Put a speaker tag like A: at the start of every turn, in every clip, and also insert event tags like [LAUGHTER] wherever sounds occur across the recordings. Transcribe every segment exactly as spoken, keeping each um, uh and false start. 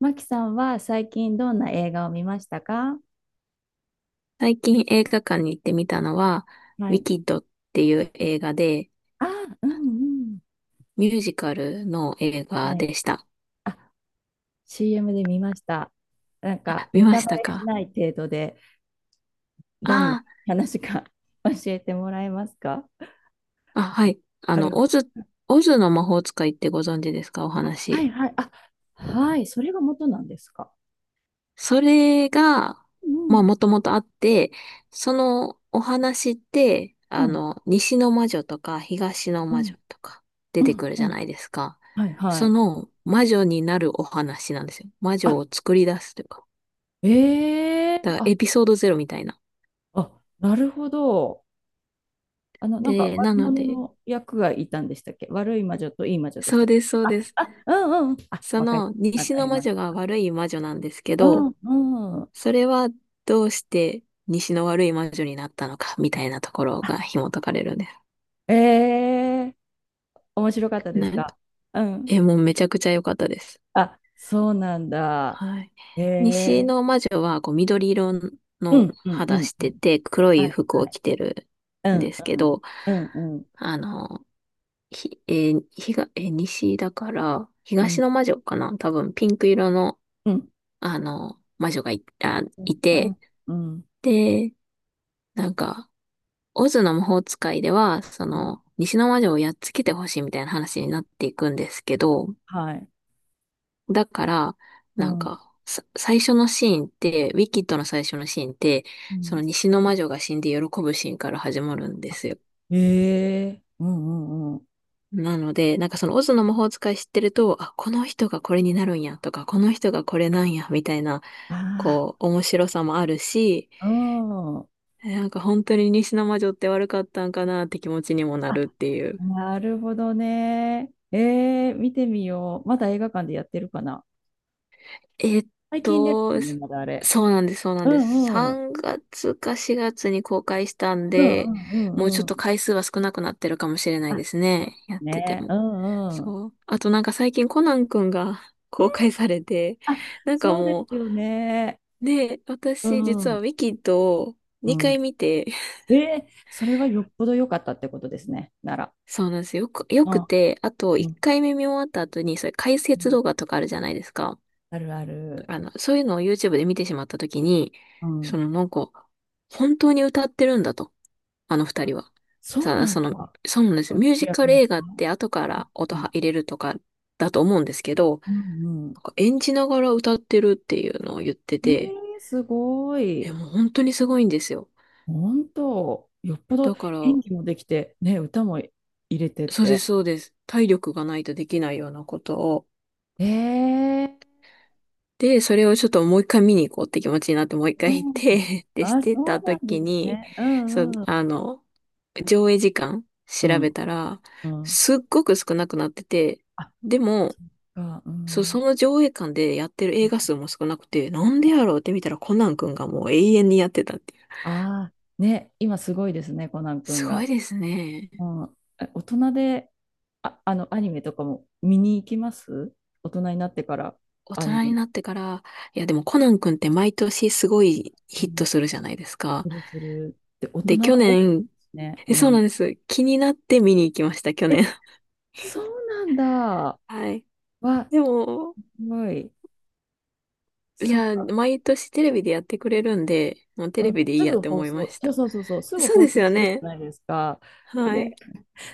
A: マキさんは最近どんな映画を見ましたか？
B: 最近映画館に行ってみたのは、
A: は
B: ウィ
A: い。
B: キッドっていう映画で、
A: あ、うんうん。
B: ミュージカルの映画
A: はい。
B: でした。
A: あ、シーエム で見ました。なんか、
B: あ、見
A: ネ
B: ま
A: タ
B: し
A: バ
B: た
A: レし
B: か？
A: ない程度で、どんな
B: あ
A: 話か [LAUGHS] 教えてもらえますか？
B: あ、あ、はい。あ
A: 軽
B: の、
A: く。
B: オズ、オズの魔法使いってご存知ですか？お
A: あ、はい
B: 話。
A: はい。あ、はい。それが元なんですか？
B: それが、
A: う
B: まあ、
A: ん
B: もともとあって、そのお話って、
A: う
B: あ
A: ん
B: の、西の魔女とか東の
A: う
B: 魔
A: ん
B: 女とか
A: う
B: 出て
A: ん
B: くる
A: う
B: じゃ
A: ん。
B: ないですか。
A: はいは
B: そ
A: い。
B: の魔女になるお話なんですよ。魔
A: あ、
B: 女を作り出すというか。
A: ええ
B: だ
A: ー
B: から
A: あ、
B: エピソードゼロみたいな。
A: あ、なるほど。あの、なんか
B: で、
A: 悪
B: なの
A: 者
B: で、
A: の役がいたんでしたっけ？悪い魔女といい魔女でし
B: そ
A: た
B: う
A: っけ？
B: です、そう
A: あ、
B: です。
A: あ、うんうん。あ、
B: そ
A: わかり、
B: の
A: わ
B: 西
A: か
B: の
A: り
B: 魔
A: ま
B: 女
A: す。
B: が悪い魔女なんですけ
A: う
B: ど、
A: んうん。
B: それはどうして西の悪い魔女になったのかみたいなところ
A: あ、
B: が紐解かれるんです。
A: ええ、面白かったです
B: なん
A: か？
B: か、
A: うん。
B: え、もうめちゃくちゃ良かったです。
A: あ、そうなんだ。
B: はい。
A: え
B: 西
A: え
B: の魔女はこう緑色
A: う
B: の
A: んうんう
B: 肌
A: ん
B: し
A: う
B: て
A: ん。
B: て黒
A: は
B: い
A: い
B: 服
A: は
B: を
A: い。
B: 着てる
A: う
B: んで
A: ん
B: すけど、
A: うんうん
B: あの、ひ、えーひが、えー西だから、
A: う
B: 東
A: ん
B: の魔女かな多分ピンク色の
A: うんうん
B: あの、魔女がい、あ、
A: う
B: いて、
A: んうん
B: で、なんか、オズの魔法使いでは、そ
A: うん、
B: の、西の魔女をやっつけてほしいみたいな話になっていくんですけど、
A: はい。
B: だから、
A: う
B: なん
A: ん
B: か、さ最初のシーンって、ウィキッドの最初のシーンって、
A: う
B: そ
A: ん。
B: の西の魔女が死んで喜ぶシーンから始まるんで
A: あ、
B: すよ。
A: ええうんうんうん。
B: なので、なんかそのオズの魔法使い知ってると、あ、この人がこれになるんやとか、この人がこれなんや、みたいな、
A: あ
B: こう、面白さもあるし、
A: あ、うん。
B: えなんか本当に西の魔女って悪かったんかなって気持ちにもなるっ
A: あ、
B: ていう。
A: なるほどね。えー、見てみよう。まだ映画館でやってるかな。
B: えっ
A: 最近です
B: と、
A: もんね、まだあれ。
B: そうなんです、そうなん
A: う
B: です。
A: んうん。
B: さんがつかしがつに公開したん
A: うん
B: で、
A: うんう
B: もうちょ
A: んう
B: っと
A: ん。
B: 回数は少なくなってるかもしれない
A: あ、
B: です
A: そうで
B: ね。や
A: す
B: ってて
A: ね。
B: も。
A: うんうん。
B: そう。あとなんか最近コナンくんが [LAUGHS] 公開されて、
A: あ、
B: なんか
A: そうで
B: も
A: すよね。
B: う、ね、
A: う
B: 私実は
A: ん
B: ウィキッドを
A: う
B: にかい
A: ん。
B: 見て、[LAUGHS]
A: えー、それはよっぽど良かったってことですね、なら。
B: そうなんですよ。よく、よ
A: う
B: く
A: ん
B: て、あと
A: う
B: 1
A: ん。
B: 回目見終わった後に、それ解
A: う
B: 説
A: ん、
B: 動画とかあるじゃないですか。
A: あるある。
B: あの、そういうのを YouTube で見てしまったときに、
A: う
B: そ
A: ん。
B: のなんか、本当に歌ってるんだと、あのふたりは。
A: そう
B: さ
A: なん
B: その、
A: だ。
B: そうなんです
A: う
B: よ。
A: ん、
B: ミュー
A: 主
B: ジ
A: 役
B: カル
A: の
B: 映
A: 人。
B: 画って後から
A: う
B: 音
A: ん
B: は入れるとかだと思うんですけど、
A: うんうん。
B: なんか演じながら歌ってるっていうのを言って
A: えー、
B: て、
A: すご
B: え、
A: い。
B: もう本当にすごいんですよ。
A: 本当、よっぽど
B: だから、
A: 演技もできて、ね、歌も入れて
B: そうです、
A: て。
B: そうです。体力がないとできないようなことを
A: ええ
B: で、それをちょっともう一回見に行こうって気持ちになって、もう一
A: う
B: 回行っ
A: ん。
B: て [LAUGHS] で、し
A: あ、
B: て
A: そう
B: た
A: なんで
B: 時
A: す
B: に、
A: ね。う
B: そう、
A: んうん。
B: あの、上映時間
A: う
B: 調べ
A: ん、
B: たら、
A: うん。
B: すっごく少なくなってて、
A: あ、
B: でも、
A: そっか、う
B: そう、そ
A: ん。
B: の上映館でやってる映画数も少なくて、なんでやろうって見たらコナン君がもう永遠にやってたっていう。
A: ああ、ね、今すごいですね、コナン
B: す
A: 君
B: ごい
A: が。
B: ですね。
A: うん。え、大人で、あ、あの、アニメとかも見に行きます？大人になってから
B: 大
A: ア
B: 人
A: ニメ。
B: になってから、いやでもコナン君って毎年すごい
A: う
B: ヒッ
A: ん、
B: トするじゃないですか。
A: するするって大人
B: で、去
A: が多くで
B: 年、
A: すね。
B: え
A: う
B: そうな
A: ん。
B: んです。気になって見に行きました、去年。
A: え、そうなんだ。
B: はい。
A: は、
B: でも、
A: すごい。
B: い
A: そっ
B: や、
A: か。
B: 毎年テレビでやってくれるんで、もうテ
A: う
B: レ
A: ん、
B: ビでいい
A: す
B: やっ
A: ぐ
B: て
A: 放
B: 思いま
A: 送。
B: し
A: そう
B: た。
A: そうそうそう。すぐ
B: そう
A: 放
B: です
A: 送
B: よ
A: するじゃ
B: ね。
A: ないですか。
B: はい。
A: で、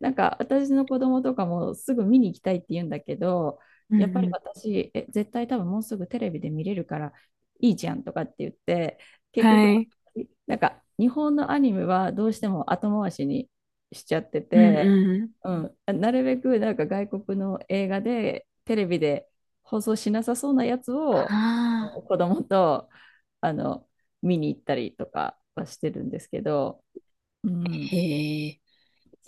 A: なんか私の子供とかもすぐ見に行きたいって言うんだけど、
B: うん
A: やっぱり
B: うん。
A: 私、え、絶対多分もうすぐテレビで見れるからいいじゃんとかって言って、結局、
B: はい。
A: なんか日本のアニメはどうしても後回しにしちゃって
B: うん
A: て、
B: うん。
A: うん、なるべくなんか外国の映画でテレビで放送しなさそうなやつを
B: ああ、
A: 子供とあの見に行ったりとかはしてるんですけど、うん、
B: へえ。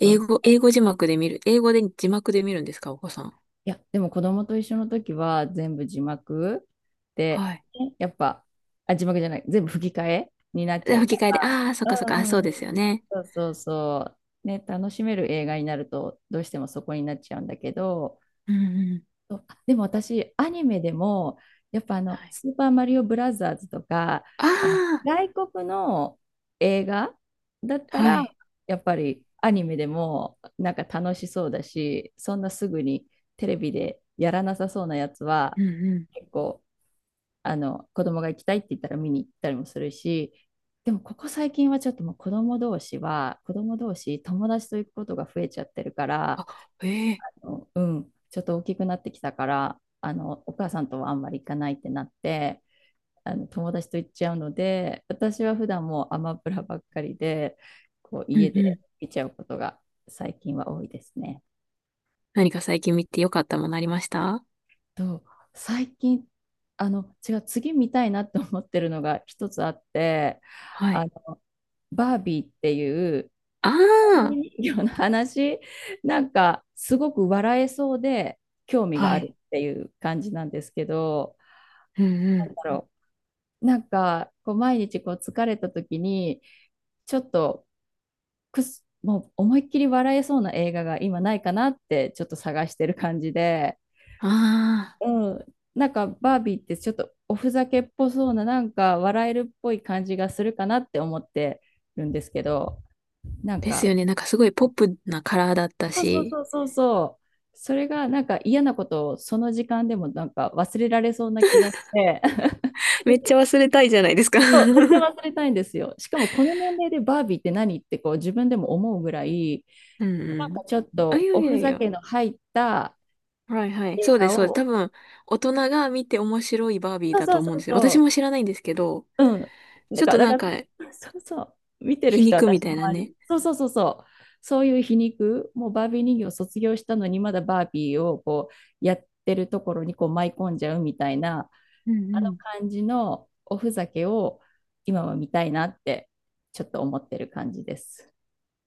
A: そう
B: 語、英語字幕で見る。英語で字幕で見るんですか、お子さん？
A: いや、でも子供と一緒の時は全部字幕で、
B: はい。
A: やっぱ、あ、字幕じゃない、全部吹き替えになっち
B: で、
A: ゃうか
B: 吹き替えで、ああ、そっか
A: ら。
B: そっか、
A: うん
B: あ、そ
A: う
B: う
A: ん
B: で
A: う
B: す
A: ん
B: よね。
A: そうそうそう。ね、楽しめる映画になると、どうしてもそこになっちゃうんだけど、
B: うんうん。
A: そうあでも私、アニメでも、やっぱあ
B: は
A: の、
B: い。
A: スーパーマリオブラザーズとか、
B: あ
A: あの
B: あ、
A: 外国の映画だった
B: は
A: ら、
B: い。
A: やっぱりアニメでもなんか楽しそうだし、そんなすぐにテレビでやらなさそうなやつは、
B: うんうん。
A: 結構、あの、子供が行きたいって言ったら見に行ったりもするし、でもここ最近はちょっともう子供同士は、子供同士友達と行くことが増えちゃってるから、
B: あ、ええ。
A: うん、ちょっと大きくなってきたから、あの、お母さんとはあんまり行かないってなって、あの、友達と行っちゃうので、私は普段もうアマプラばっかりで、こう、
B: うん
A: 家
B: う
A: で
B: ん。
A: 見ちゃうことが最近は多いですね。
B: 何か最近見てよかったものありました？
A: と、最近、あの、違う、次見たいなって思ってるのが一つあって、
B: は
A: あ
B: い。
A: の、バービーっていう
B: あ
A: バービ
B: あ、
A: ー人形の話、なんかすごく笑えそうで興味が
B: は
A: ある
B: い。
A: っていう感じなんですけど、
B: うんうん。
A: だろう。なんか、こう毎日こう疲れた時に、ちょっとくす、もう思いっきり笑えそうな映画が今ないかなってちょっと探してる感じで、
B: ああ、
A: うん、なんかバービーってちょっとおふざけっぽそうな、なんか笑えるっぽい感じがするかなって思ってるんですけど、なん
B: です
A: か、
B: よね。なんかすごいポップなカラーだった
A: そうそう
B: し、
A: そうそうそう、それがなんか嫌なことをその時間でもなんか忘れられそうな気がして、
B: めっち
A: [LAUGHS]
B: ゃ忘れたいじゃないですか [LAUGHS]
A: そう、めっちゃ
B: うん
A: 忘れたいんですよ。しかもこの年齢でバービーって何ってこう自分でも思うぐらい、
B: う
A: なん
B: ん。
A: かちょっ
B: あ、い
A: と
B: や
A: お
B: い
A: ふ
B: やい
A: ざ
B: や。
A: けの入った
B: はいはい。
A: 映
B: そうで
A: 画
B: す、そうです。多
A: を、
B: 分、大人が見て面白いバービー
A: そう
B: だ
A: そ
B: と
A: うそ
B: 思うん
A: う
B: ですよ。私
A: そ
B: も知らないんですけど、
A: う、うん。
B: ち
A: だ
B: ょっ
A: か
B: と
A: ら、
B: なん
A: だか
B: か、
A: ら、そうそう、見てる
B: 皮
A: 人、
B: 肉み
A: 私
B: た
A: の
B: いな
A: 周
B: ね。
A: り、そうそうそうそう、そういう皮肉、もうバービー人形を卒業したのに、まだバービーをこうやってるところにこう舞い込んじゃうみたいな、
B: う
A: あ
B: んう
A: の
B: ん。
A: 感じのおふざけを今は見たいなって、ちょっと思ってる感じです。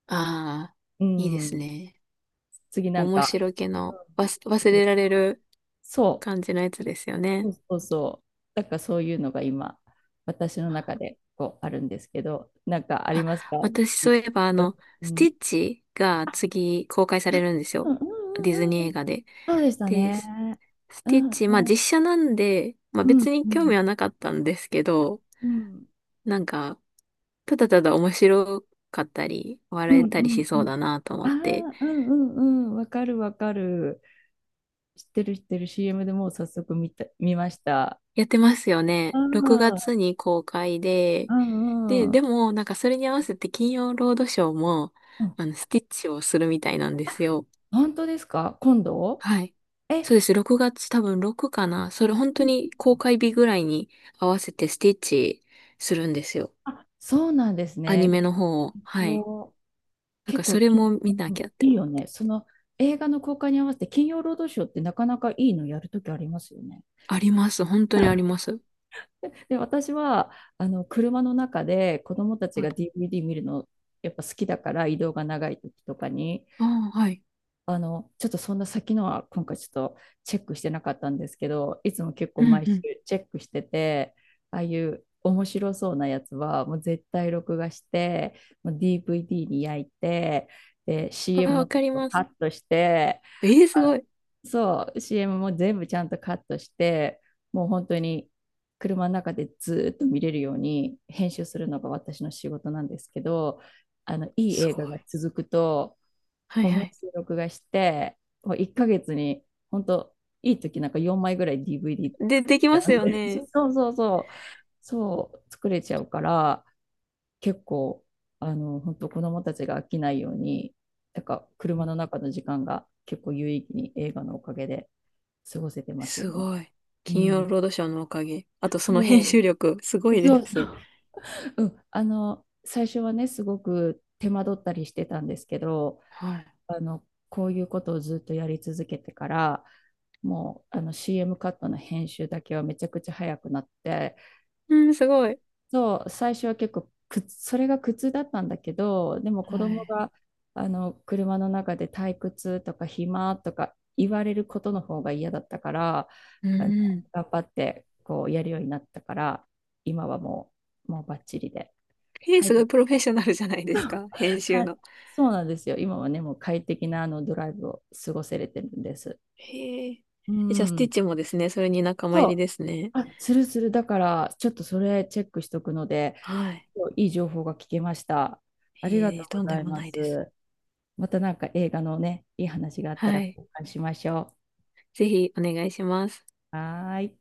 B: ああ、
A: う
B: いいです
A: ん。
B: ね。
A: 次なん
B: 面
A: か、
B: 白気
A: う
B: の、
A: ん、
B: 忘忘れられる
A: そ
B: 感じのやつですよね。
A: う、そうそうそう。なんかそういうのが今、私の中でこうあるんですけど、なんかあり
B: あ、
A: ますか？
B: 私そう
A: 次、
B: いえばあ
A: うん。
B: の、
A: う
B: ステ
A: ん
B: ィッチが次公開されるんです
A: う
B: よ。
A: んう
B: ディズ
A: んうん
B: ニ
A: う
B: ー
A: ん。
B: 映画で。
A: そうでした
B: で、ス
A: ね。
B: ス
A: う
B: ティッ
A: んう
B: チ、まあ
A: ん
B: 実写なんで、まあ
A: うん
B: 別に
A: う
B: 興味
A: ん
B: はなかったんですけど、
A: うん
B: なんか、ただただ面白かったり、
A: う
B: 笑
A: ん
B: えたり
A: う
B: し
A: んう
B: そう
A: ん。
B: だなと
A: あ
B: 思って、
A: あ、うんうんうん。わかるわかる。知ってる知ってる、 シーエム でもう早速見た、見ました。
B: やってますよ
A: あ
B: ね。6
A: あ、
B: 月に公開で、
A: う
B: で、
A: んう
B: で
A: ん。
B: もなんかそれに合わせて金曜ロードショーも、
A: うん、
B: あの、スティッチをするみたいなんで
A: あ、
B: すよ。
A: 本当ですか？今度
B: はい。
A: え、
B: そうです。ろくがつ多分むいかかな。それ本当に公開日ぐらいに合わせてスティッチするんですよ。
A: あ、そうなんです
B: アニ
A: ね。
B: メの方を。はい。
A: もう
B: なん
A: 結
B: か
A: 構
B: それ
A: き、
B: も見な
A: う
B: きゃ
A: ん、
B: って。
A: いいよね。その映画の公開に合わせて金曜ロードショーってなかなかいいのやるときありますよね。
B: あります。本当にあり
A: [LAUGHS]
B: ます。
A: で、私はあの車の中で子供たち
B: は
A: が
B: い
A: ディーブイディー 見るのやっぱ好きだから、移動が長い時とかに
B: ああ、はい。
A: あの、ちょっとそんな先のは今回ちょっとチェックしてなかったんですけど、いつも結構
B: うん
A: 毎
B: う
A: 週
B: ん。
A: チェックしてて、ああいう面白そうなやつはもう絶対録画して、もう ディーブイディー に焼いて、で、
B: ああ、
A: シーエム の
B: わ
A: と
B: かり
A: こ
B: ま
A: カ
B: す。
A: ットして、
B: ええすご
A: あ
B: い。
A: そう、シーエム も全部ちゃんとカットして、もう本当に車の中でずーっと見れるように編集するのが私の仕事なんですけど、あの、いい
B: す
A: 映
B: ごい。
A: 画が続くと、
B: はい
A: もう
B: は
A: 毎
B: い。
A: 週録画して、もういっかげつに、本当いい時なんかよんまいぐらい ディーブイディー
B: で、
A: 作
B: で
A: れ
B: き
A: ち
B: ま
A: ゃ
B: す
A: うん
B: よ
A: です。
B: ね。
A: [LAUGHS] そうそうそう。そう、作れちゃうから、結構、あの、本当子供たちが飽きないように、なんか
B: う
A: 車
B: ん
A: の中の時間が結構有意義に映画のおかげで過ごせてますよ
B: す
A: ね。
B: ごい。
A: う
B: 金曜
A: ん。
B: ロードショーのおかげ。あとその編集
A: そ
B: 力、すご
A: う。
B: い
A: そう
B: で
A: そ
B: す。
A: う。うん。あの、最初はね、すごく手間取ったりしてたんですけど、
B: はい。
A: あの、こういうことをずっとやり続けてから、もうあの シーエム カットの編集だけはめちゃくちゃ早くなって、
B: うん、すごい。
A: そう、最初は結構苦それが苦痛だったんだけど、でも
B: は
A: 子供
B: い。
A: があの車の中で退屈とか暇とか言われることの方が嫌だったから、
B: うん
A: あの
B: うん。
A: 頑張ってこうやるようになったから、今はもう、もうバッチリで。
B: えー、
A: 書い
B: すご
A: て
B: いプロフェッショナルじゃな
A: [LAUGHS]
B: いで
A: そ
B: す
A: う
B: か。編集
A: か、
B: の。
A: そうなんですよ。今はね、もう快適なあのドライブを過ごせれてるんです。
B: へえ。
A: う
B: えじゃあ、スティ
A: ん。
B: ッチもですね、それに仲間入
A: そ
B: り
A: う。
B: ですね。
A: あ、するする。だから、ちょっとそれチェックしとくので、
B: はい。
A: いい情報が聞けました。あ
B: え
A: りがとう
B: ー、
A: ご
B: とん
A: ざ
B: で
A: い
B: も
A: ま
B: ないです。
A: す。またなんか映画のね、いい話があったら
B: はい。
A: 交換しましょ
B: ぜひ、お願いします。
A: う。はーい。